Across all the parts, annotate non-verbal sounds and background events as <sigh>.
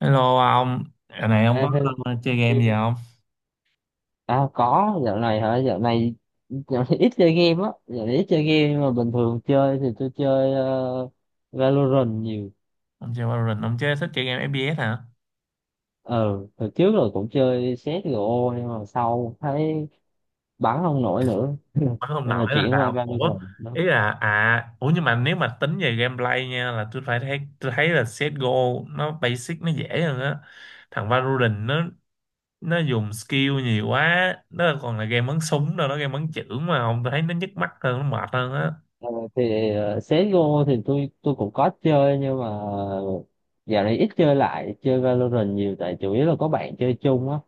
Hello ông, giờ này ông À, có hello. Chơi game gì không? À, có dạo này hả? Dạo này ít chơi game á, dạo này ít chơi game, nhưng mà bình thường chơi thì tôi chơi Valorant nhiều. Ông chơi Valorant, ông chơi thích chơi game FPS hả? Ờ Hồi trước rồi cũng chơi CSGO, nhưng mà sau thấy bắn không nổi nữa, Nói không nên là nổi là chuyển qua sao? Ủa, Valorant đó. ý là à, ủa nhưng mà nếu mà tính về gameplay nha, là tôi thấy là CS:GO nó basic, nó dễ hơn á. Thằng Valorant nó dùng skill nhiều quá, nó còn là game bắn súng đâu, nó game bắn chưởng mà. Ông, tôi thấy nó nhức mắt hơn, nó mệt hơn á. Ờ, thì CSGO thì tôi cũng có chơi, nhưng mà dạo này ít chơi, lại chơi Valorant nhiều, tại chủ yếu là có bạn chơi chung á,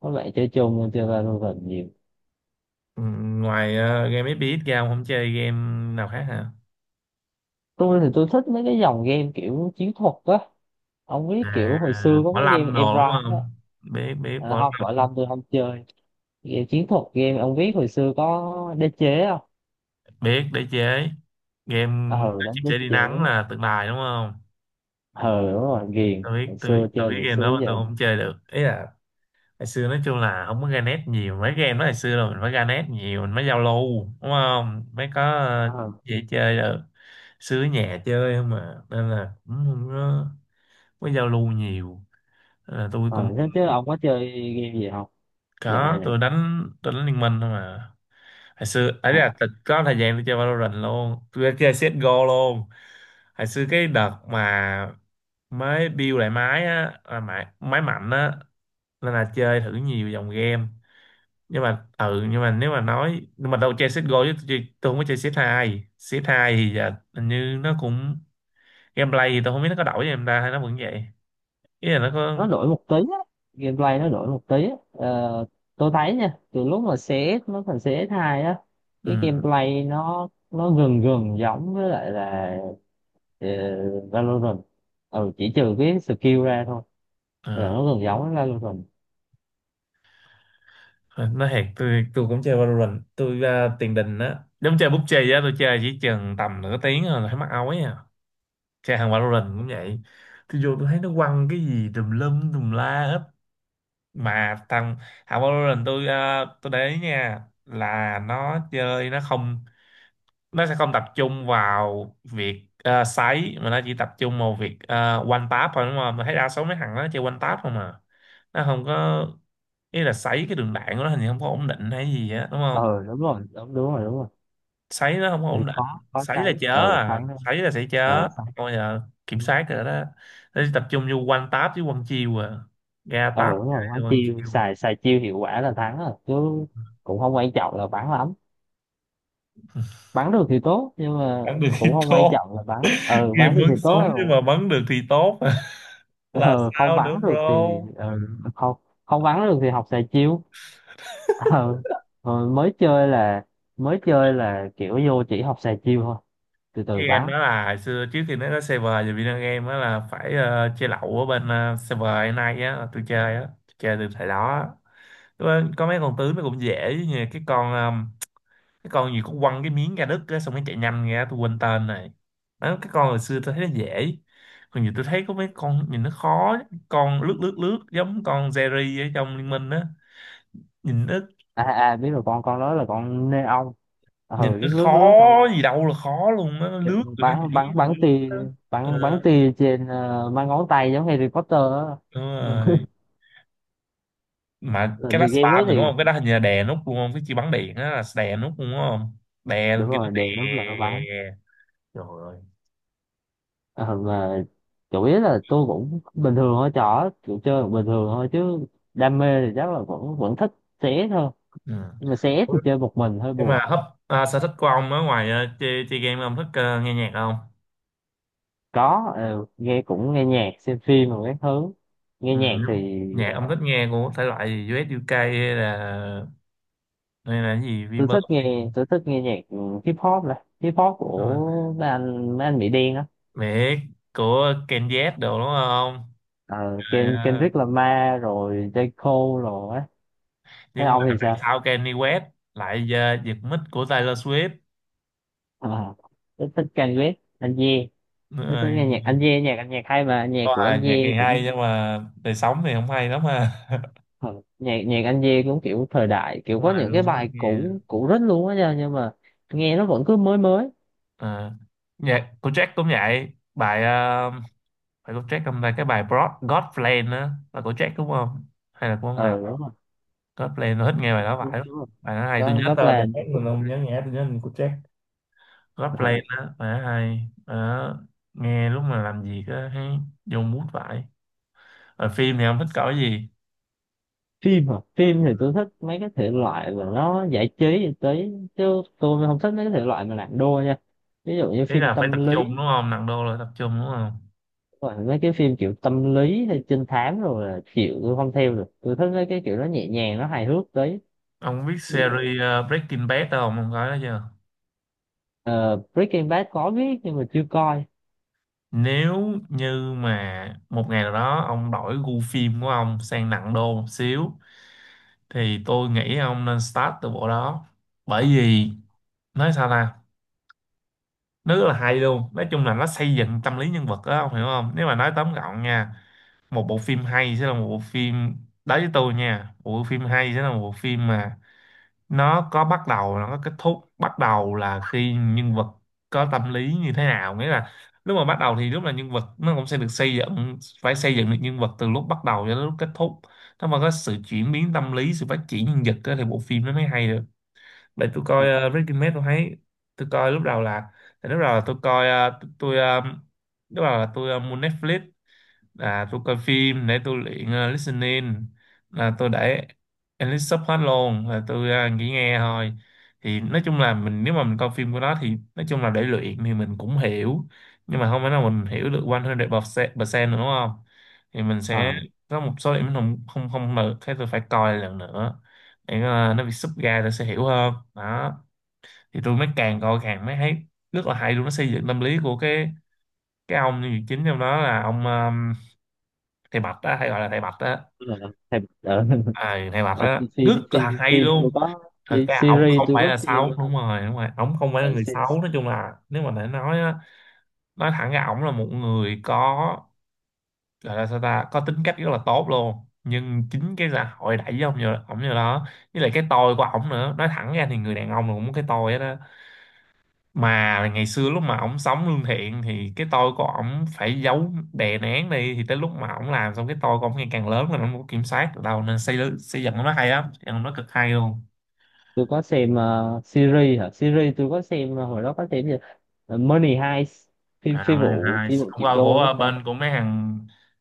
có bạn chơi chung nên chơi Valorant nhiều. Ừ, ngoài game FPS ra ông không chơi game nào khác hả? Tôi thì tôi thích mấy cái dòng game kiểu chiến thuật á. Ông biết kiểu À, hồi xưa có Võ cái game Lâm Em đồ đúng Rai á. không? Biết biết À, Võ không, Võ Lâm, Lâm tôi không chơi. Game chiến thuật, game ông biết hồi xưa có đế chế không? biết đế chế. Game Ờ các Đánh chim đế sẻ đi nắng chế. là tượng đài đúng không? Ờ đúng rồi, ghiền Tôi biết, hồi tôi biết, xưa tôi chơi biết hồi game xưa đó, tới mà tôi giờ. không chơi được. Ý là hồi xưa nói chung là không có ra net nhiều, mấy game đó hồi xưa là mình phải ra net nhiều mình mới giao lưu đúng không, mới có ờ dễ chơi được. Xứ nhà chơi không mà, nên là cũng không có, giao lưu nhiều, nên là tôi cũng ờ Thế chứ ông có chơi game gì không dạo này có. nè? Tôi đánh liên minh thôi mà. Hồi xưa ấy Ờ, là thật, có thời gian tôi chơi Valorant luôn, tôi chơi CSGO luôn. Hồi xưa cái đợt mà máy build lại máy á, là máy máy mạnh á, nên là chơi thử nhiều dòng game. Nhưng mà ừ, nhưng mà nếu mà nói, nhưng mà đâu chơi CSGO chứ, tôi không có chơi CS2 thì giờ hình như nó cũng gameplay thì tôi không biết nó có đổi cho em ta hay nó vẫn vậy. Ý là nó có. nó đổi một tí á, gameplay nó đổi một tí á. Ờ, tôi thấy nha, từ lúc mà CS nó thành CS2 á, cái ừ, gameplay nó gần gần giống với lại là ờ, Valorant, ừ, chỉ trừ cái skill ra thôi, là ờ, nó gần giống với Valorant. nó thiệt, tôi cũng chơi Valorant. Tôi tiền đình á, giống chơi PUBG á, tôi chơi chỉ chừng tầm nửa tiếng rồi là thấy mắc ói à. Chơi hàng Valorant cũng vậy, tôi vô tôi thấy nó quăng cái gì tùm lum tùm la hết. Mà thằng thằng Valorant, tôi tôi để ý nha, là nó chơi nó sẽ không tập trung vào việc sấy, mà nó chỉ tập trung vào việc one tap thôi, đúng không? Mà thấy đa số mấy thằng nó chơi one tap không mà, nó không có, ý là sấy cái đường đạn của nó hình như không có ổn định hay gì á đúng không? Ờ đúng rồi, đúng, đúng rồi, đúng rồi. Sấy nó không có Thì ổn có định, có sấy là sấy, chớ ừ, à, sấy nữa, sấy là sẽ chớ, sấy. bây giờ kiểm soát rồi đó. Nó chỉ tập trung vô one tap với one chiêu à, ra Ờ tap đúng rồi, quá rồi one chiêu, chiêu, xài xài chiêu hiệu quả là thắng rồi chứ, cũng không quan trọng là bắn lắm. Bắn được thì tốt, nhưng mà ăn được thì cũng không quan thôi. trọng là bắn, Kia bắn được thì bắn tốt. súng nhưng mà bắn được thì tốt. <laughs> Là Ờ Không sao bắn nữa được bro? thì không không bắn được thì học xài chiêu. Ờ, ờ, mới chơi là mới chơi là kiểu vô chỉ học xài chiêu thôi, từ từ Cái bắn. game đó là hồi xưa, trước khi nó có server về video game đó là phải chơi lậu ở bên server hiện nay á, là tôi chơi á, tôi chơi từ thời đó á. Lúc đó có mấy con tướng nó cũng dễ, như cái con gì cũng quăng cái miếng ra đất á, xong nó chạy nhanh ra, tôi quên tên. Này đó, cái con hồi xưa tôi thấy nó dễ, còn giờ tôi thấy có mấy con nhìn nó khó. Con lướt lướt lướt giống con Jerry ở trong Liên Minh á, nhìn nó, À biết rồi, con đó là con nê ong, nhìn lướt nó lướt khó lướt xong. gì đâu là khó luôn á, nó Hiểu lướt không? rồi nó Bắn nhảy bắn rồi bắn lướt tia, á. Ờ, bắn bắn tia trên, mang ngón tay giống Harry Potter á. đúng <laughs> rồi. Mà Rồi cái đó thì game spam đó thì đúng thì không, cái đó hình như là đè nút luôn không, cái chi bắn điện á là đè nút luôn đúng không, đè đúng lên kia nó rồi, đè. đèn nó là nó bắn. Trời ơi. Ờ mà chủ yếu là tôi cũng bình thường thôi, trò kiểu chơi bình thường thôi chứ, đam mê thì chắc là vẫn vẫn thích xé thôi, Ừ. nhưng mà xé thì Ủa, chơi một mình hơi nhưng buồn. mà hấp, à, sở thích của ông ở ngoài chơi game, ông thích nghe nhạc không? Có, nghe, cũng nghe nhạc, xem phim rồi các thứ. Nghe Ừ. nhạc thì Nhạc ông ờ, thích nghe của thể loại gì, US UK hay là cái gì Vbird hay- tôi thích nghe nhạc, ừ, hip hop này, hip hop Đúng rồi. của mấy anh Mỹ đen á. Biết của Ken Z đồ đúng không? Ờ, Trời ơi. Kendrick Lamar rồi J Cole rồi á. Thế Nhưng mà ông thì tại sao? sao Kanye West lại giật mic của Taylor Swift. Ờ, tôi thích Kanye West, anh Ye. Nữa Tôi thích rồi. nghe nhạc anh Ye, nhạc anh, nhạc hay, mà nhạc Có, của là anh nhạc Ye thì hay cũng nhưng mà đời sống thì không hay lắm ha. ờ, nhạc nhạc anh Ye cũng kiểu thời đại, kiểu Đúng có rồi những cái luôn á, bài nghe. cũ cũ rất luôn á nha, nhưng mà nghe nó vẫn cứ mới mới. Ờ. Nhạc của Jack cũng vậy, bài phải của Jack hôm nay cái bài Broad God Plan á là của Jack đúng không, hay là của ông nào? Ờ Đúng rồi, God Plan, tôi thích nghe bài đó phải đúng, lắm, đúng rồi. bài đó hay. Tôi có nhớ có tên là bài hát nhưng mà của tôi không cái- nhớ nhạc, tôi nhớ là của Jack. God ờ, Plan á, bài đó hay. Bài đó nghe lúc mà làm việc á thấy vô mood vậy. Ở phim thì không thích coi cái gì? Phim hả? Phim thì tôi thích mấy cái thể loại mà nó giải trí, giải trí chứ tôi không thích mấy cái thể loại mà nặng đô nha, ví dụ như Ý phim là phải tâm tập trung lý, đúng không, nặng đô là tập trung đúng không? rồi mấy cái phim kiểu tâm lý hay trinh thám rồi là chịu, tôi không theo được, tôi thích mấy cái kiểu nó nhẹ nhàng, nó hài hước tí. Ông biết Ví dụ series Breaking Bad không, ông coi đó chưa? ờ, Breaking Bad, có biết nhưng mà chưa coi. Nếu như mà một ngày nào đó ông đổi gu phim của ông sang nặng đô một xíu, thì tôi nghĩ ông nên start từ bộ đó. Bởi vì nói sao ta, nó rất là hay luôn, nói chung là nó xây dựng tâm lý nhân vật đó, ông hiểu không? Nếu mà nói tóm gọn nha, một bộ phim hay sẽ là một bộ phim, đối với tôi nha, một bộ phim hay sẽ là một bộ phim mà nó có bắt đầu, nó có kết thúc. Bắt đầu là khi nhân vật có tâm lý như thế nào, nghĩa là lúc mà bắt đầu thì lúc là nhân vật nó cũng sẽ được xây dựng, phải xây dựng được nhân vật từ lúc bắt đầu cho đến lúc kết thúc. Nếu mà có sự chuyển biến tâm lý, sự phát triển nhân vật á, thì bộ phim nó mới hay được. Để tôi coi Ờ, Breaking Bad tôi thấy, tôi coi lúc đầu là, tại lúc đầu là tôi coi lúc đầu là tôi mua Netflix. À tôi coi phim để tôi luyện listening, là tôi để English sub hết luôn, là tôi chỉ nghe thôi. Thì nói chung là mình, nếu mà mình coi phim của nó thì nói chung là để luyện thì mình cũng hiểu, nhưng mà không phải nào mình hiểu được 100% nữa đúng không, thì mình sẽ ờ, có một số điểm mình không không không được, thế tôi phải coi lần nữa để nó bị sub ra tôi sẽ hiểu hơn đó. Thì tôi mới càng coi càng mới thấy rất là hay luôn, nó xây dựng tâm lý của cái ông nhân vật chính trong đó là ông thầy Bạch á, hay gọi là thầy Bạch á. tức là thèm- ờ, <laughs> À, thầy Bạch ờ, á rất phim là phim hay phim tôi luôn. có Thật ra ổng series, không tôi phải có là xem, xấu, đúng rồi, đúng rồi, ổng không phải là uh, người xấu. Nói chung là nếu mà để nói á, nói thẳng ra ổng là một người có, gọi là sao ta, có tính cách rất là tốt luôn. Nhưng chính cái xã hội đẩy với ổng như đó, với lại cái tôi của ổng nữa. Nói thẳng ra thì người đàn ông là cũng có cái tôi đó, mà ngày xưa lúc mà ổng sống lương thiện thì cái tôi của ổng phải giấu đè nén đi, thì tới lúc mà ổng làm xong, cái tôi của ổng ngày càng lớn rồi ổng không có kiểm soát được đâu, nên xây xây dựng nó hay lắm, xây dựng nó cực hay luôn. tôi có xem series hả, series tôi có xem hồi đó có xem gì. Ờ, Money Heist, phim À, phi bên này vụ hay phi vụ ông triệu coi của đô, đúng không ta? bên của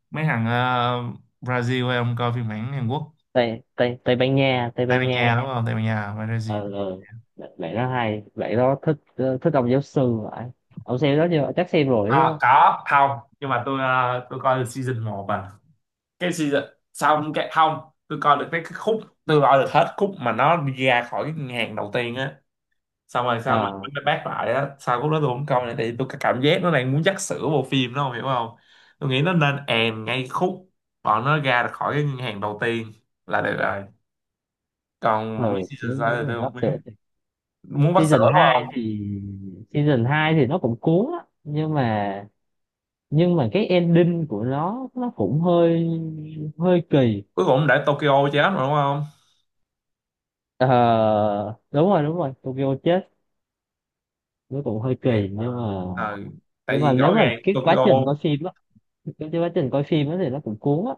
mấy thằng ờ, Brazil, hay ông coi phiên bản Hàn Quốc? Tây Tây Tây Ban Nha, Tây Ban Nha đúng không, Tây Ban Nha Brazil. ờ ờ bạn bạn đó hay, bạn đó thích thích ông giáo sư vậy. Ông xem đó chưa? Chắc xem rồi đúng À, không? có không, nhưng mà tôi tôi coi được season một à, cái season, xong cái không, tôi coi được cái khúc, tôi coi được hết khúc mà nó đi ra khỏi cái ngàn đầu tiên á, xong rồi sao mà ờ mới bác lại á, sau lúc đó tôi không coi nữa thì tôi cảm giác nó đang muốn dắt sữa bộ phim đó, không hiểu không? Tôi nghĩ nó nên èm ngay khúc bọn nó ra được khỏi cái ngân hàng đầu tiên là được rồi. ừ, Còn mấy season đúng, sau đúng thì là tôi không sắp biết, sửa thì muốn bắt sữa season đúng 2 không? thì season 2 thì nó cũng cuốn á, nhưng mà cái ending của nó cũng hơi hơi kỳ. Cuối cùng để Tokyo chết mà đúng không. Ờ, đúng rồi, đúng rồi Tokyo chết. Nó cũng hơi kỳ, nhưng mà Ờ, tại vì nếu rõ mà ràng Tokyo cái quá trình coi phim á thì nó cũng cuốn á,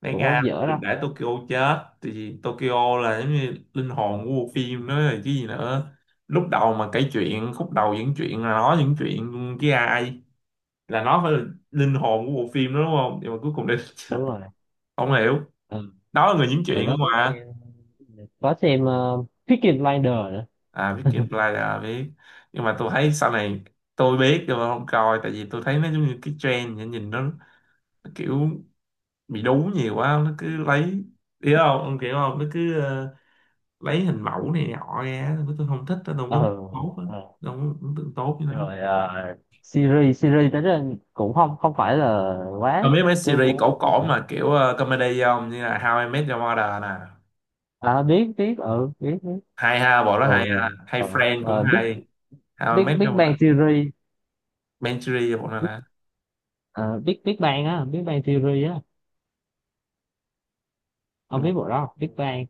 đáng cũng Nga không không dở được đâu. để Tokyo chết, tại vì Tokyo là giống như linh hồn của bộ phim đó rồi chứ gì nữa. Lúc đầu mà kể chuyện khúc đầu những chuyện là nói những chuyện với ai, là nó phải là linh hồn của bộ phim đó đúng không? Nhưng mà cuối cùng đây. <laughs> Đúng rồi, Không hiểu. ừ. Đó là người diễn Rồi chuyện đúng nó không ạ? Có xem Peaky Blinders nữa. À biết, Kim Play là biết, nhưng mà tôi thấy sau này, tôi biết nhưng mà không coi, tại vì tôi thấy nó giống như cái trend, nhìn nhìn nó kiểu bị đú nhiều quá, nó cứ lấy, hiểu không ông kiểu, không nó cứ lấy hình mẫu này nọ ra. Tôi không thích, tôi không có ờ tốt á, ờ. tôi không có ấn tượng tốt như thế. Rồi series series tới đây cũng không không phải là quá, Còn biết mấy tôi series cũng cổ không cổ phải. mà kiểu comedy không, như là How I Met Your Mother nè, À, biết, biết, ừ, biết, biết. hay ha, bộ đó hay Rồi ha, hay Friend cũng Big hay. How I Big Met Big Your Mother, Bang Theory. Manchery, hoặc là Ờ, Big Big Bang á, Big Bang Theory á. Ông biết một, bộ đó không? Big Bang,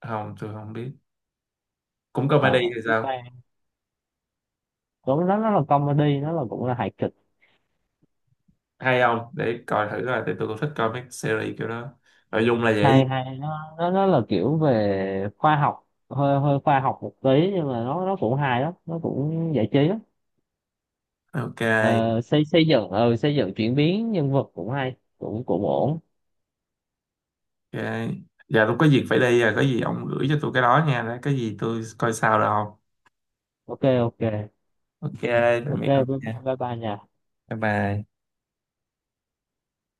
không tôi không biết, cũng comedy ờ thì Big sao, Bang cũng, nó là comedy, nó là cũng là hài kịch. hay không để coi thử coi, thì tôi cũng thích coi mấy series kiểu đó, nội dung là dễ gì. Hay hay, nó là kiểu về khoa học, hơi hơi khoa học một tí, nhưng mà nó cũng hài lắm, nó cũng giải trí lắm. Ok. Ờ, xây xây dựng ờ, Xây dựng chuyển biến nhân vật cũng hay, cũng cũng ổn. Ok, giờ tôi có việc phải đi rồi, có gì ông gửi cho tôi cái đó nha, cái gì tôi coi sao, được không? Ok, ok, Ok. Tạm ok, biệt ông bye nha. bye bye nha. Bye bye.